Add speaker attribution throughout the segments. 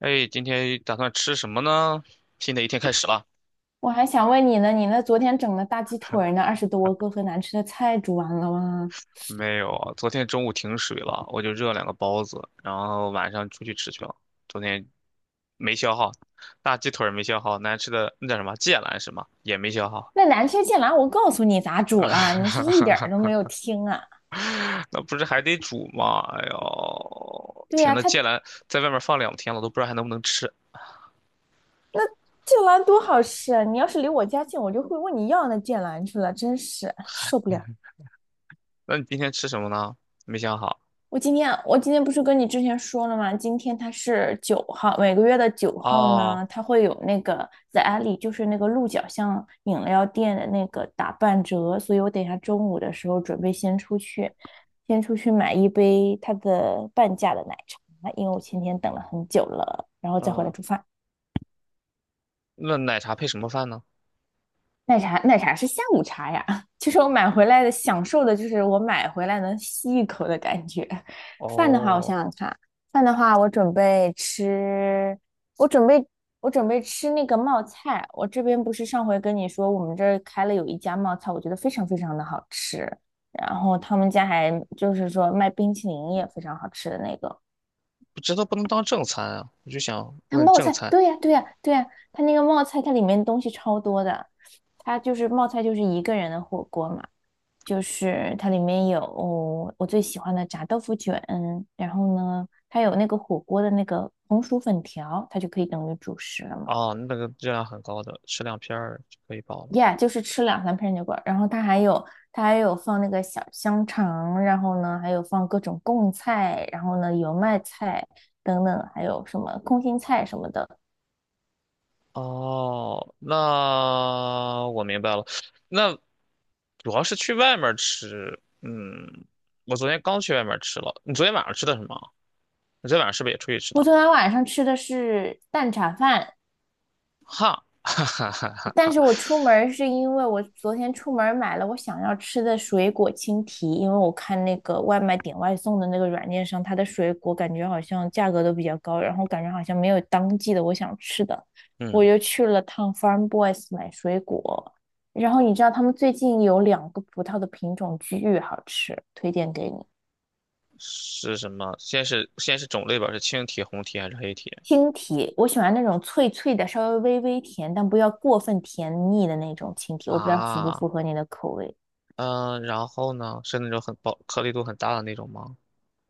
Speaker 1: 哎，今天打算吃什么呢？新的一天开始了。
Speaker 2: 我还想问你呢，你那昨天整的大鸡腿儿呢，20多个和难吃的菜煮完了吗？
Speaker 1: 没有啊，昨天中午停水了，我就热两个包子，然后晚上出去吃去了。昨天没消耗，大鸡腿儿没消耗，难吃的那叫什么芥兰是吗？也没消耗，
Speaker 2: 那难吃剑兰我告诉你咋煮了，你是一点儿都没有听啊。
Speaker 1: 那不是还得煮吗？哎呦，
Speaker 2: 对
Speaker 1: 天
Speaker 2: 呀，
Speaker 1: 呐，
Speaker 2: 它剑
Speaker 1: 芥兰在外面放2天了，都不知道还能不能吃。
Speaker 2: 兰多好吃啊，你要是离我家近，我就会问你要那剑兰去了，真是受不了。
Speaker 1: 那你今天吃什么呢？没想好。
Speaker 2: 我今天不是跟你之前说了吗？今天它是九号，每个月的九号
Speaker 1: 哦。
Speaker 2: 呢，它会有那个在 Alley 就是那个鹿角巷饮料店的那个打半折，所以我等一下中午的时候准备先出去，先出去买一杯它的半价的奶茶，因为我前天等了很久了，然后再回来
Speaker 1: 嗯，
Speaker 2: 煮饭。
Speaker 1: 那奶茶配什么饭呢？
Speaker 2: 奶茶是下午茶呀。就是我买回来的，享受的就是我买回来能吸一口的感觉。饭的话，我
Speaker 1: 哦，
Speaker 2: 想想看，饭的话，我准备我准备吃那个冒菜。我这边不是上回跟你说，我们这儿开了有一家冒菜，我觉得非常非常的好吃。然后他们家还就是说卖冰淇淋也非常好吃的那个。
Speaker 1: 这都不能当正餐啊，我就想
Speaker 2: 它
Speaker 1: 问
Speaker 2: 冒
Speaker 1: 正
Speaker 2: 菜，
Speaker 1: 餐。
Speaker 2: 对呀，对呀，对呀，它那个冒菜，它里面东西超多的。它就是冒菜，就是一个人的火锅嘛。就是它里面有我最喜欢的炸豆腐卷，然后呢，它有那个火锅的那个红薯粉条，它就可以等于主食了嘛。
Speaker 1: 哦，那个热量很高的，吃两片儿就可以饱了。
Speaker 2: Yeah，就是吃两三片牛够然后它还有放那个小香肠，然后呢还有放各种贡菜，然后呢油麦菜等等，还有什么空心菜什么的。
Speaker 1: 哦，那我明白了。那主要是去外面儿吃。嗯，我昨天刚去外面儿吃了。你昨天晚上吃的什么？你昨天晚上是不是也出去吃
Speaker 2: 我
Speaker 1: 的？
Speaker 2: 昨天晚上吃的是蛋炒饭，
Speaker 1: 哈，哈哈哈
Speaker 2: 但
Speaker 1: 哈。
Speaker 2: 是我出门是因为我昨天出门买了我想要吃的水果青提，因为我看那个外卖点外送的那个软件上，它的水果感觉好像价格都比较高，然后感觉好像没有当季的我想吃的，我
Speaker 1: 嗯，
Speaker 2: 又去了趟 Farm Boys 买水果。然后你知道他们最近有两个葡萄的品种巨好吃，推荐给你。
Speaker 1: 是什么？先是种类吧，是青提、红提还是黑提？
Speaker 2: 青提，我喜欢那种脆脆的，稍微微微甜，但不要过分甜腻的那种青提，我不知道符不
Speaker 1: 啊，
Speaker 2: 符合你的口味。
Speaker 1: 嗯，然后呢？是那种很薄、颗粒度很大的那种吗？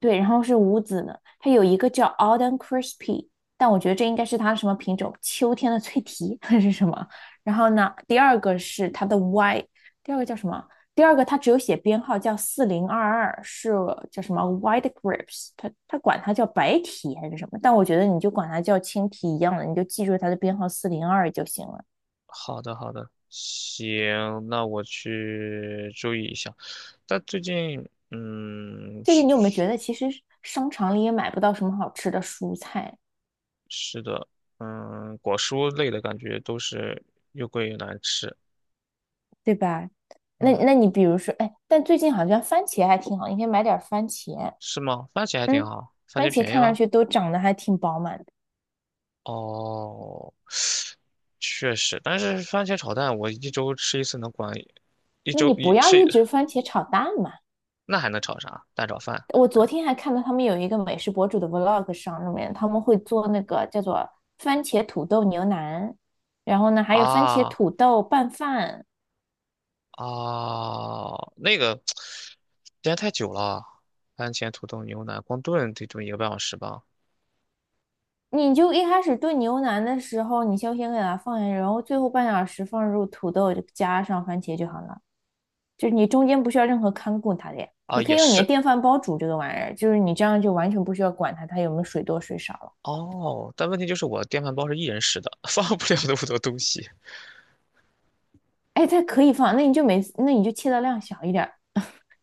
Speaker 2: 对，然后是无籽呢，它有一个叫 Autumn Crispy，但我觉得这应该是它什么品种，秋天的脆皮还是什么？然后呢，第二个是它的 Y，第二个叫什么？第二个它只有写编号叫4022，是叫什么 White Grapes，它管它叫白提还是什么？但我觉得你就管它叫青提一样的，你就记住它的编号四零二就行了。
Speaker 1: 好的，好的，行，那我去注意一下。但最近，嗯，
Speaker 2: 最近你有没有
Speaker 1: 是
Speaker 2: 觉得，其实商场里也买不到什么好吃的蔬菜？
Speaker 1: 是的，嗯，果蔬类的感觉都是又贵又难吃。
Speaker 2: 对吧？那
Speaker 1: 嗯，
Speaker 2: 那你比如说，哎，但最近好像番茄还挺好，你可以买点番茄。
Speaker 1: 是吗？番茄还挺
Speaker 2: 嗯，
Speaker 1: 好，番
Speaker 2: 番
Speaker 1: 茄
Speaker 2: 茄
Speaker 1: 便宜
Speaker 2: 看上
Speaker 1: 了。
Speaker 2: 去都长得还挺饱满的。
Speaker 1: 哦，确实，但是番茄炒蛋我一周吃一次能管一
Speaker 2: 那你
Speaker 1: 周
Speaker 2: 不
Speaker 1: 一
Speaker 2: 要
Speaker 1: 吃，
Speaker 2: 一直番茄炒蛋嘛。
Speaker 1: 那还能炒啥？蛋炒饭
Speaker 2: 我
Speaker 1: 还
Speaker 2: 昨
Speaker 1: 能
Speaker 2: 天还看到他们有一个美食博主的 vlog 上里面，他们会做那个叫做番茄土豆牛腩，然后呢还有番茄
Speaker 1: 啊？
Speaker 2: 土豆拌饭。
Speaker 1: 啊，那个时间太久了，番茄土豆牛腩光炖得炖1个半小时吧。
Speaker 2: 你就一开始炖牛腩的时候，你就先给它放下去，然后最后半小时放入土豆，加上番茄就好了。就是你中间不需要任何看顾它的呀，你
Speaker 1: 啊，
Speaker 2: 可
Speaker 1: 也
Speaker 2: 以用你的
Speaker 1: 是
Speaker 2: 电饭煲煮这个玩意儿，就是你这样就完全不需要管它，它有没有水多水少了。
Speaker 1: 哦，但问题就是我电饭煲是一人食的，放不了那么多东西。
Speaker 2: 哎，它可以放，那你就切的量小一点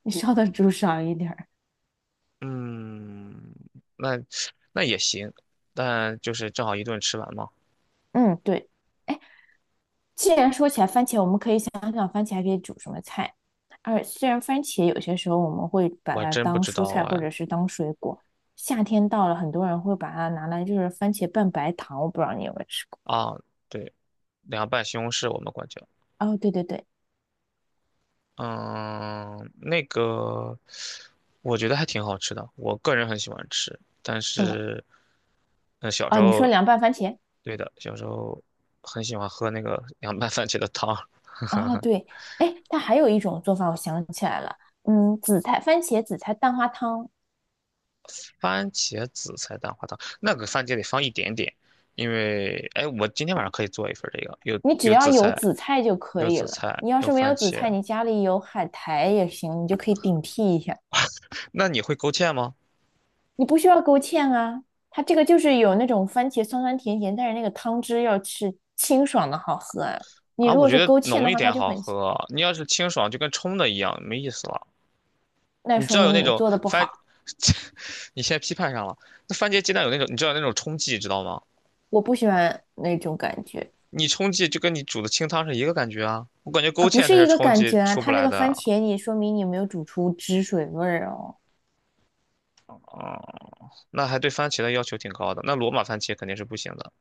Speaker 2: 你烧的煮少一点儿。
Speaker 1: 嗯，那那也行，但就是正好一顿吃完嘛。
Speaker 2: 嗯，对。哎，既然说起来番茄，我们可以想想番茄还可以煮什么菜。而虽然番茄有些时候我们会把
Speaker 1: 我还
Speaker 2: 它
Speaker 1: 真不
Speaker 2: 当
Speaker 1: 知
Speaker 2: 蔬
Speaker 1: 道
Speaker 2: 菜或
Speaker 1: 哎。
Speaker 2: 者是当水果，夏天到了，很多人会把它拿来就是番茄拌白糖，我不知道你有没有吃过。
Speaker 1: 啊，对，凉拌西红柿我们管叫。
Speaker 2: 哦，对对对，
Speaker 1: 嗯，那个我觉得还挺好吃的，我个人很喜欢吃。但
Speaker 2: 什么？
Speaker 1: 是，嗯，小时
Speaker 2: 哦，你说
Speaker 1: 候，
Speaker 2: 凉拌番茄？
Speaker 1: 对的，小时候很喜欢喝那个 凉拌番茄的汤，
Speaker 2: 哦，对，哎，它还有一种做法，我想起来了，嗯，紫菜番茄紫菜蛋花汤，
Speaker 1: 番茄紫菜蛋花汤，那个番茄得放一点点，因为，哎，我今天晚上可以做一份这个，有
Speaker 2: 你只
Speaker 1: 有
Speaker 2: 要
Speaker 1: 紫
Speaker 2: 有
Speaker 1: 菜，
Speaker 2: 紫菜就可
Speaker 1: 有
Speaker 2: 以
Speaker 1: 紫
Speaker 2: 了。
Speaker 1: 菜，
Speaker 2: 你要
Speaker 1: 有
Speaker 2: 是没有
Speaker 1: 番
Speaker 2: 紫
Speaker 1: 茄。
Speaker 2: 菜，你家里有海苔也行，你就可以顶替一下。
Speaker 1: 那你会勾芡吗？
Speaker 2: 你不需要勾芡啊，它这个就是有那种番茄酸酸甜甜，但是那个汤汁要是清爽的好喝啊。你
Speaker 1: 啊，
Speaker 2: 如
Speaker 1: 我
Speaker 2: 果
Speaker 1: 觉
Speaker 2: 是
Speaker 1: 得
Speaker 2: 勾芡
Speaker 1: 浓
Speaker 2: 的
Speaker 1: 一
Speaker 2: 话，它
Speaker 1: 点
Speaker 2: 就
Speaker 1: 好
Speaker 2: 很腥
Speaker 1: 喝，你要是清爽就跟冲的一样，没意思了。
Speaker 2: 那
Speaker 1: 你知
Speaker 2: 说
Speaker 1: 道有
Speaker 2: 明
Speaker 1: 那
Speaker 2: 你
Speaker 1: 种
Speaker 2: 做的不
Speaker 1: 番，
Speaker 2: 好。
Speaker 1: 你现在批判上了。那番茄鸡蛋有那种，你知道有那种冲剂，知道吗？
Speaker 2: 我不喜欢那种感觉
Speaker 1: 你冲剂就跟你煮的清汤是一个感觉啊。我感觉
Speaker 2: 啊，
Speaker 1: 勾
Speaker 2: 不
Speaker 1: 芡才
Speaker 2: 是
Speaker 1: 是
Speaker 2: 一个
Speaker 1: 冲
Speaker 2: 感
Speaker 1: 剂
Speaker 2: 觉啊，
Speaker 1: 出不
Speaker 2: 它那
Speaker 1: 来
Speaker 2: 个番
Speaker 1: 的
Speaker 2: 茄你说明你没有煮出汁水味儿哦。
Speaker 1: 啊、那还对番茄的要求挺高的。那罗马番茄肯定是不行的，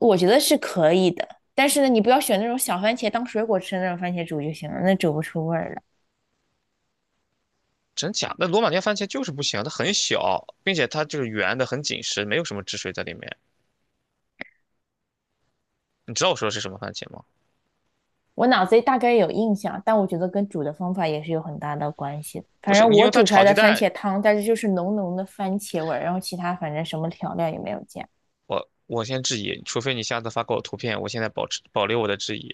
Speaker 2: 我觉得是可以的，但是呢，你不要选那种小番茄当水果吃的那种番茄煮就行了，那煮不出味儿来。
Speaker 1: 真假？那罗马尼亚番茄就是不行，它很小，并且它就是圆的，很紧实，没有什么汁水在里面。你知道我说的是什么番茄吗？
Speaker 2: 我脑子里大概有印象，但我觉得跟煮的方法也是有很大的关系的。
Speaker 1: 不
Speaker 2: 反
Speaker 1: 是，
Speaker 2: 正
Speaker 1: 你
Speaker 2: 我
Speaker 1: 用它
Speaker 2: 煮出来
Speaker 1: 炒鸡
Speaker 2: 的番
Speaker 1: 蛋，
Speaker 2: 茄汤，但是就是浓浓的番茄味儿，然后其他反正什么调料也没有加。
Speaker 1: 我先质疑，除非你下次发给我图片，我现在保持保留我的质疑。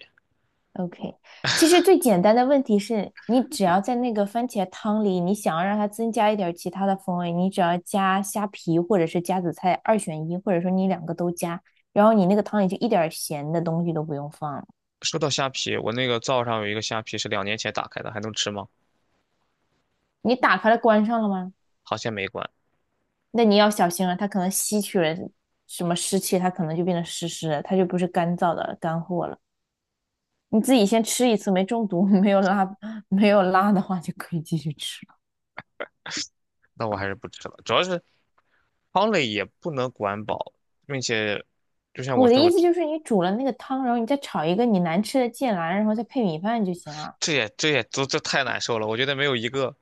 Speaker 2: OK，其实最简单的问题是你只要在那个番茄汤里，你想要让它增加一点儿其他的风味，你只要加虾皮或者是加紫菜，二选一，或者说你两个都加，然后你那个汤里就一点儿咸的东西都不用放了。
Speaker 1: 说到虾皮，我那个灶上有一个虾皮是2年前打开的，还能吃吗？
Speaker 2: 你打开了关上了吗？
Speaker 1: 好像没关，
Speaker 2: 那你要小心了，它可能吸取了什么湿气，它可能就变得湿湿的，它就不是干燥的干货了。你自己先吃一次，没中毒，没有拉，没有拉的话就可以继续吃。
Speaker 1: 那我还是不吃了。主要是汤类也不能管饱，并且就像我
Speaker 2: 我的
Speaker 1: 说，
Speaker 2: 意
Speaker 1: 我
Speaker 2: 思
Speaker 1: 这
Speaker 2: 就是，你煮了那个汤，然后你再炒一个你难吃的芥兰，然后再配米饭就行了。
Speaker 1: 这也这也都这太难受了。我觉得没有一个，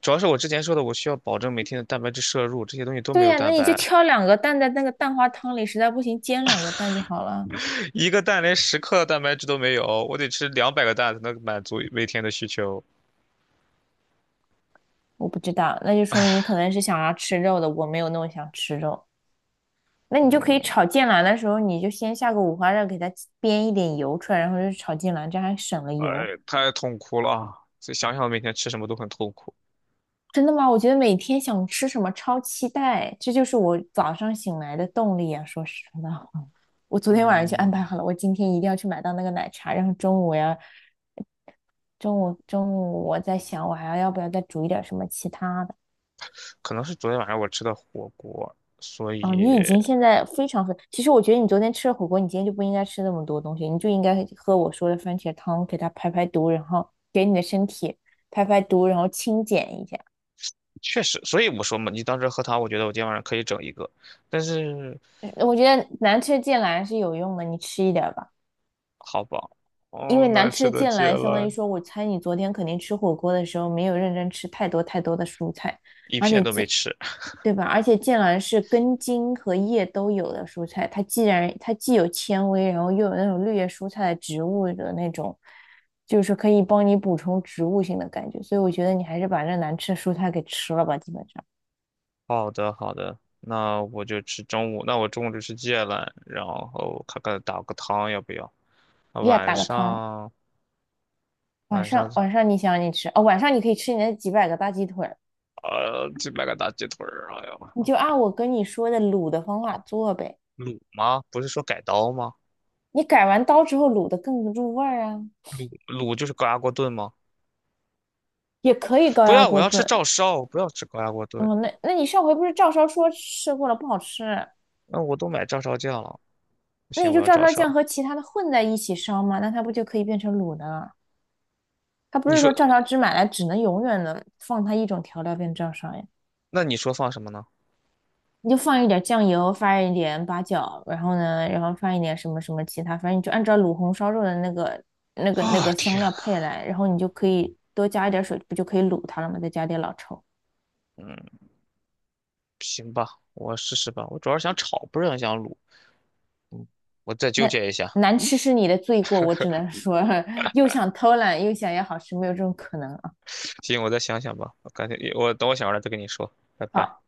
Speaker 1: 主要是我之前说的，我需要保证每天的蛋白质摄入，这些东西都没
Speaker 2: 对
Speaker 1: 有
Speaker 2: 呀，那
Speaker 1: 蛋
Speaker 2: 你就
Speaker 1: 白，
Speaker 2: 挑两个蛋在那个蛋花汤里，实在不行煎两个蛋就好了。
Speaker 1: 一个蛋连10克的蛋白质都没有，我得吃200个蛋才能满足每天的需求。
Speaker 2: 我不知道，那就说明你可能是想要吃肉的，我没有那么想吃肉。那你就可以
Speaker 1: 嗯，
Speaker 2: 炒芥兰的时候，你就先下个五花肉，给它煸一点油出来，然后就炒芥兰，这样还省了油。
Speaker 1: 哎，太痛苦了啊，所以想想每天吃什么都很痛苦。
Speaker 2: 真的吗？我觉得每天想吃什么超期待，这就是我早上醒来的动力啊！说实话。我昨天晚上就安排
Speaker 1: 嗯。
Speaker 2: 好了，我今天一定要去买到那个奶茶，然后中午我要，中午我在想，我还要不要再煮一点什么其他的？
Speaker 1: 可能是昨天晚上我吃的火锅，所
Speaker 2: 哦，
Speaker 1: 以
Speaker 2: 你已经现在非常非，其实我觉得你昨天吃了火锅，你今天就不应该吃那么多东西，你就应该喝我说的番茄汤，给它排排毒，然后给你的身体排排毒，然后清减一下。
Speaker 1: 确实，所以我说嘛，你当时喝汤，我觉得我今天晚上可以整一个，但是
Speaker 2: 我觉得难吃的芥蓝是有用的，你吃一点吧。
Speaker 1: 好饱。
Speaker 2: 因
Speaker 1: 哦，
Speaker 2: 为
Speaker 1: 难
Speaker 2: 难吃
Speaker 1: 吃
Speaker 2: 的
Speaker 1: 的
Speaker 2: 剑
Speaker 1: 芥
Speaker 2: 兰，相当于
Speaker 1: 兰
Speaker 2: 说，我猜你昨天肯定吃火锅的时候没有认真吃太多太多的蔬菜，
Speaker 1: 一
Speaker 2: 而
Speaker 1: 片
Speaker 2: 且
Speaker 1: 都没
Speaker 2: 剑，
Speaker 1: 吃。
Speaker 2: 对吧？而且剑兰是根茎和叶都有的蔬菜，它既有纤维，然后又有那种绿叶蔬菜的植物的那种，就是可以帮你补充植物性的感觉，所以我觉得你还是把这难吃的蔬菜给吃了吧，基本上，
Speaker 1: 好的，好的，那我就吃中午，那我中午就吃芥兰，然后看看打个汤要不要？啊，
Speaker 2: 呀，
Speaker 1: 晚
Speaker 2: 打个汤，
Speaker 1: 上
Speaker 2: 晚
Speaker 1: 晚上
Speaker 2: 上晚上你想你吃哦，晚上你可以吃你那几百个大鸡腿儿
Speaker 1: 呃，去买个大鸡腿儿，哎呀，
Speaker 2: 你就按我跟你说的卤的方法做呗。
Speaker 1: 卤吗？不是说改刀吗？
Speaker 2: 你改完刀之后卤的更不入味儿啊，
Speaker 1: 卤就是高压锅炖吗？
Speaker 2: 也可以高
Speaker 1: 不
Speaker 2: 压
Speaker 1: 要，我
Speaker 2: 锅
Speaker 1: 要吃
Speaker 2: 炖。
Speaker 1: 照烧，不要吃高压锅炖。
Speaker 2: 嗯，那你上回不是照烧说吃过了不好吃，
Speaker 1: 那我都买照烧酱了，不
Speaker 2: 那
Speaker 1: 行，
Speaker 2: 你
Speaker 1: 我
Speaker 2: 就
Speaker 1: 要
Speaker 2: 照
Speaker 1: 照
Speaker 2: 烧酱
Speaker 1: 烧。
Speaker 2: 和其他的混在一起烧嘛，那它不就可以变成卤的了？它不
Speaker 1: 你
Speaker 2: 是
Speaker 1: 说，
Speaker 2: 说照烧汁买来只能永远的放它一种调料变照烧呀，
Speaker 1: 那你说放什么呢？
Speaker 2: 你就放一点酱油，放一点八角，然后呢，然后放一点什么什么其他，反正你就按照卤红烧肉的那个
Speaker 1: 啊，
Speaker 2: 香
Speaker 1: 天，
Speaker 2: 料配来，然后你就可以多加一点水，不就可以卤它了吗？再加点老抽。
Speaker 1: 嗯，行吧，我试试吧。我主要是想炒，不是很想卤。我再纠
Speaker 2: 那
Speaker 1: 结一下。
Speaker 2: 难吃是你的罪过，我只能说 又想偷懒又想要好吃，没有这种可能啊。
Speaker 1: 行，我再想想吧。我感觉我等我想完了再跟你说。拜拜。
Speaker 2: 好，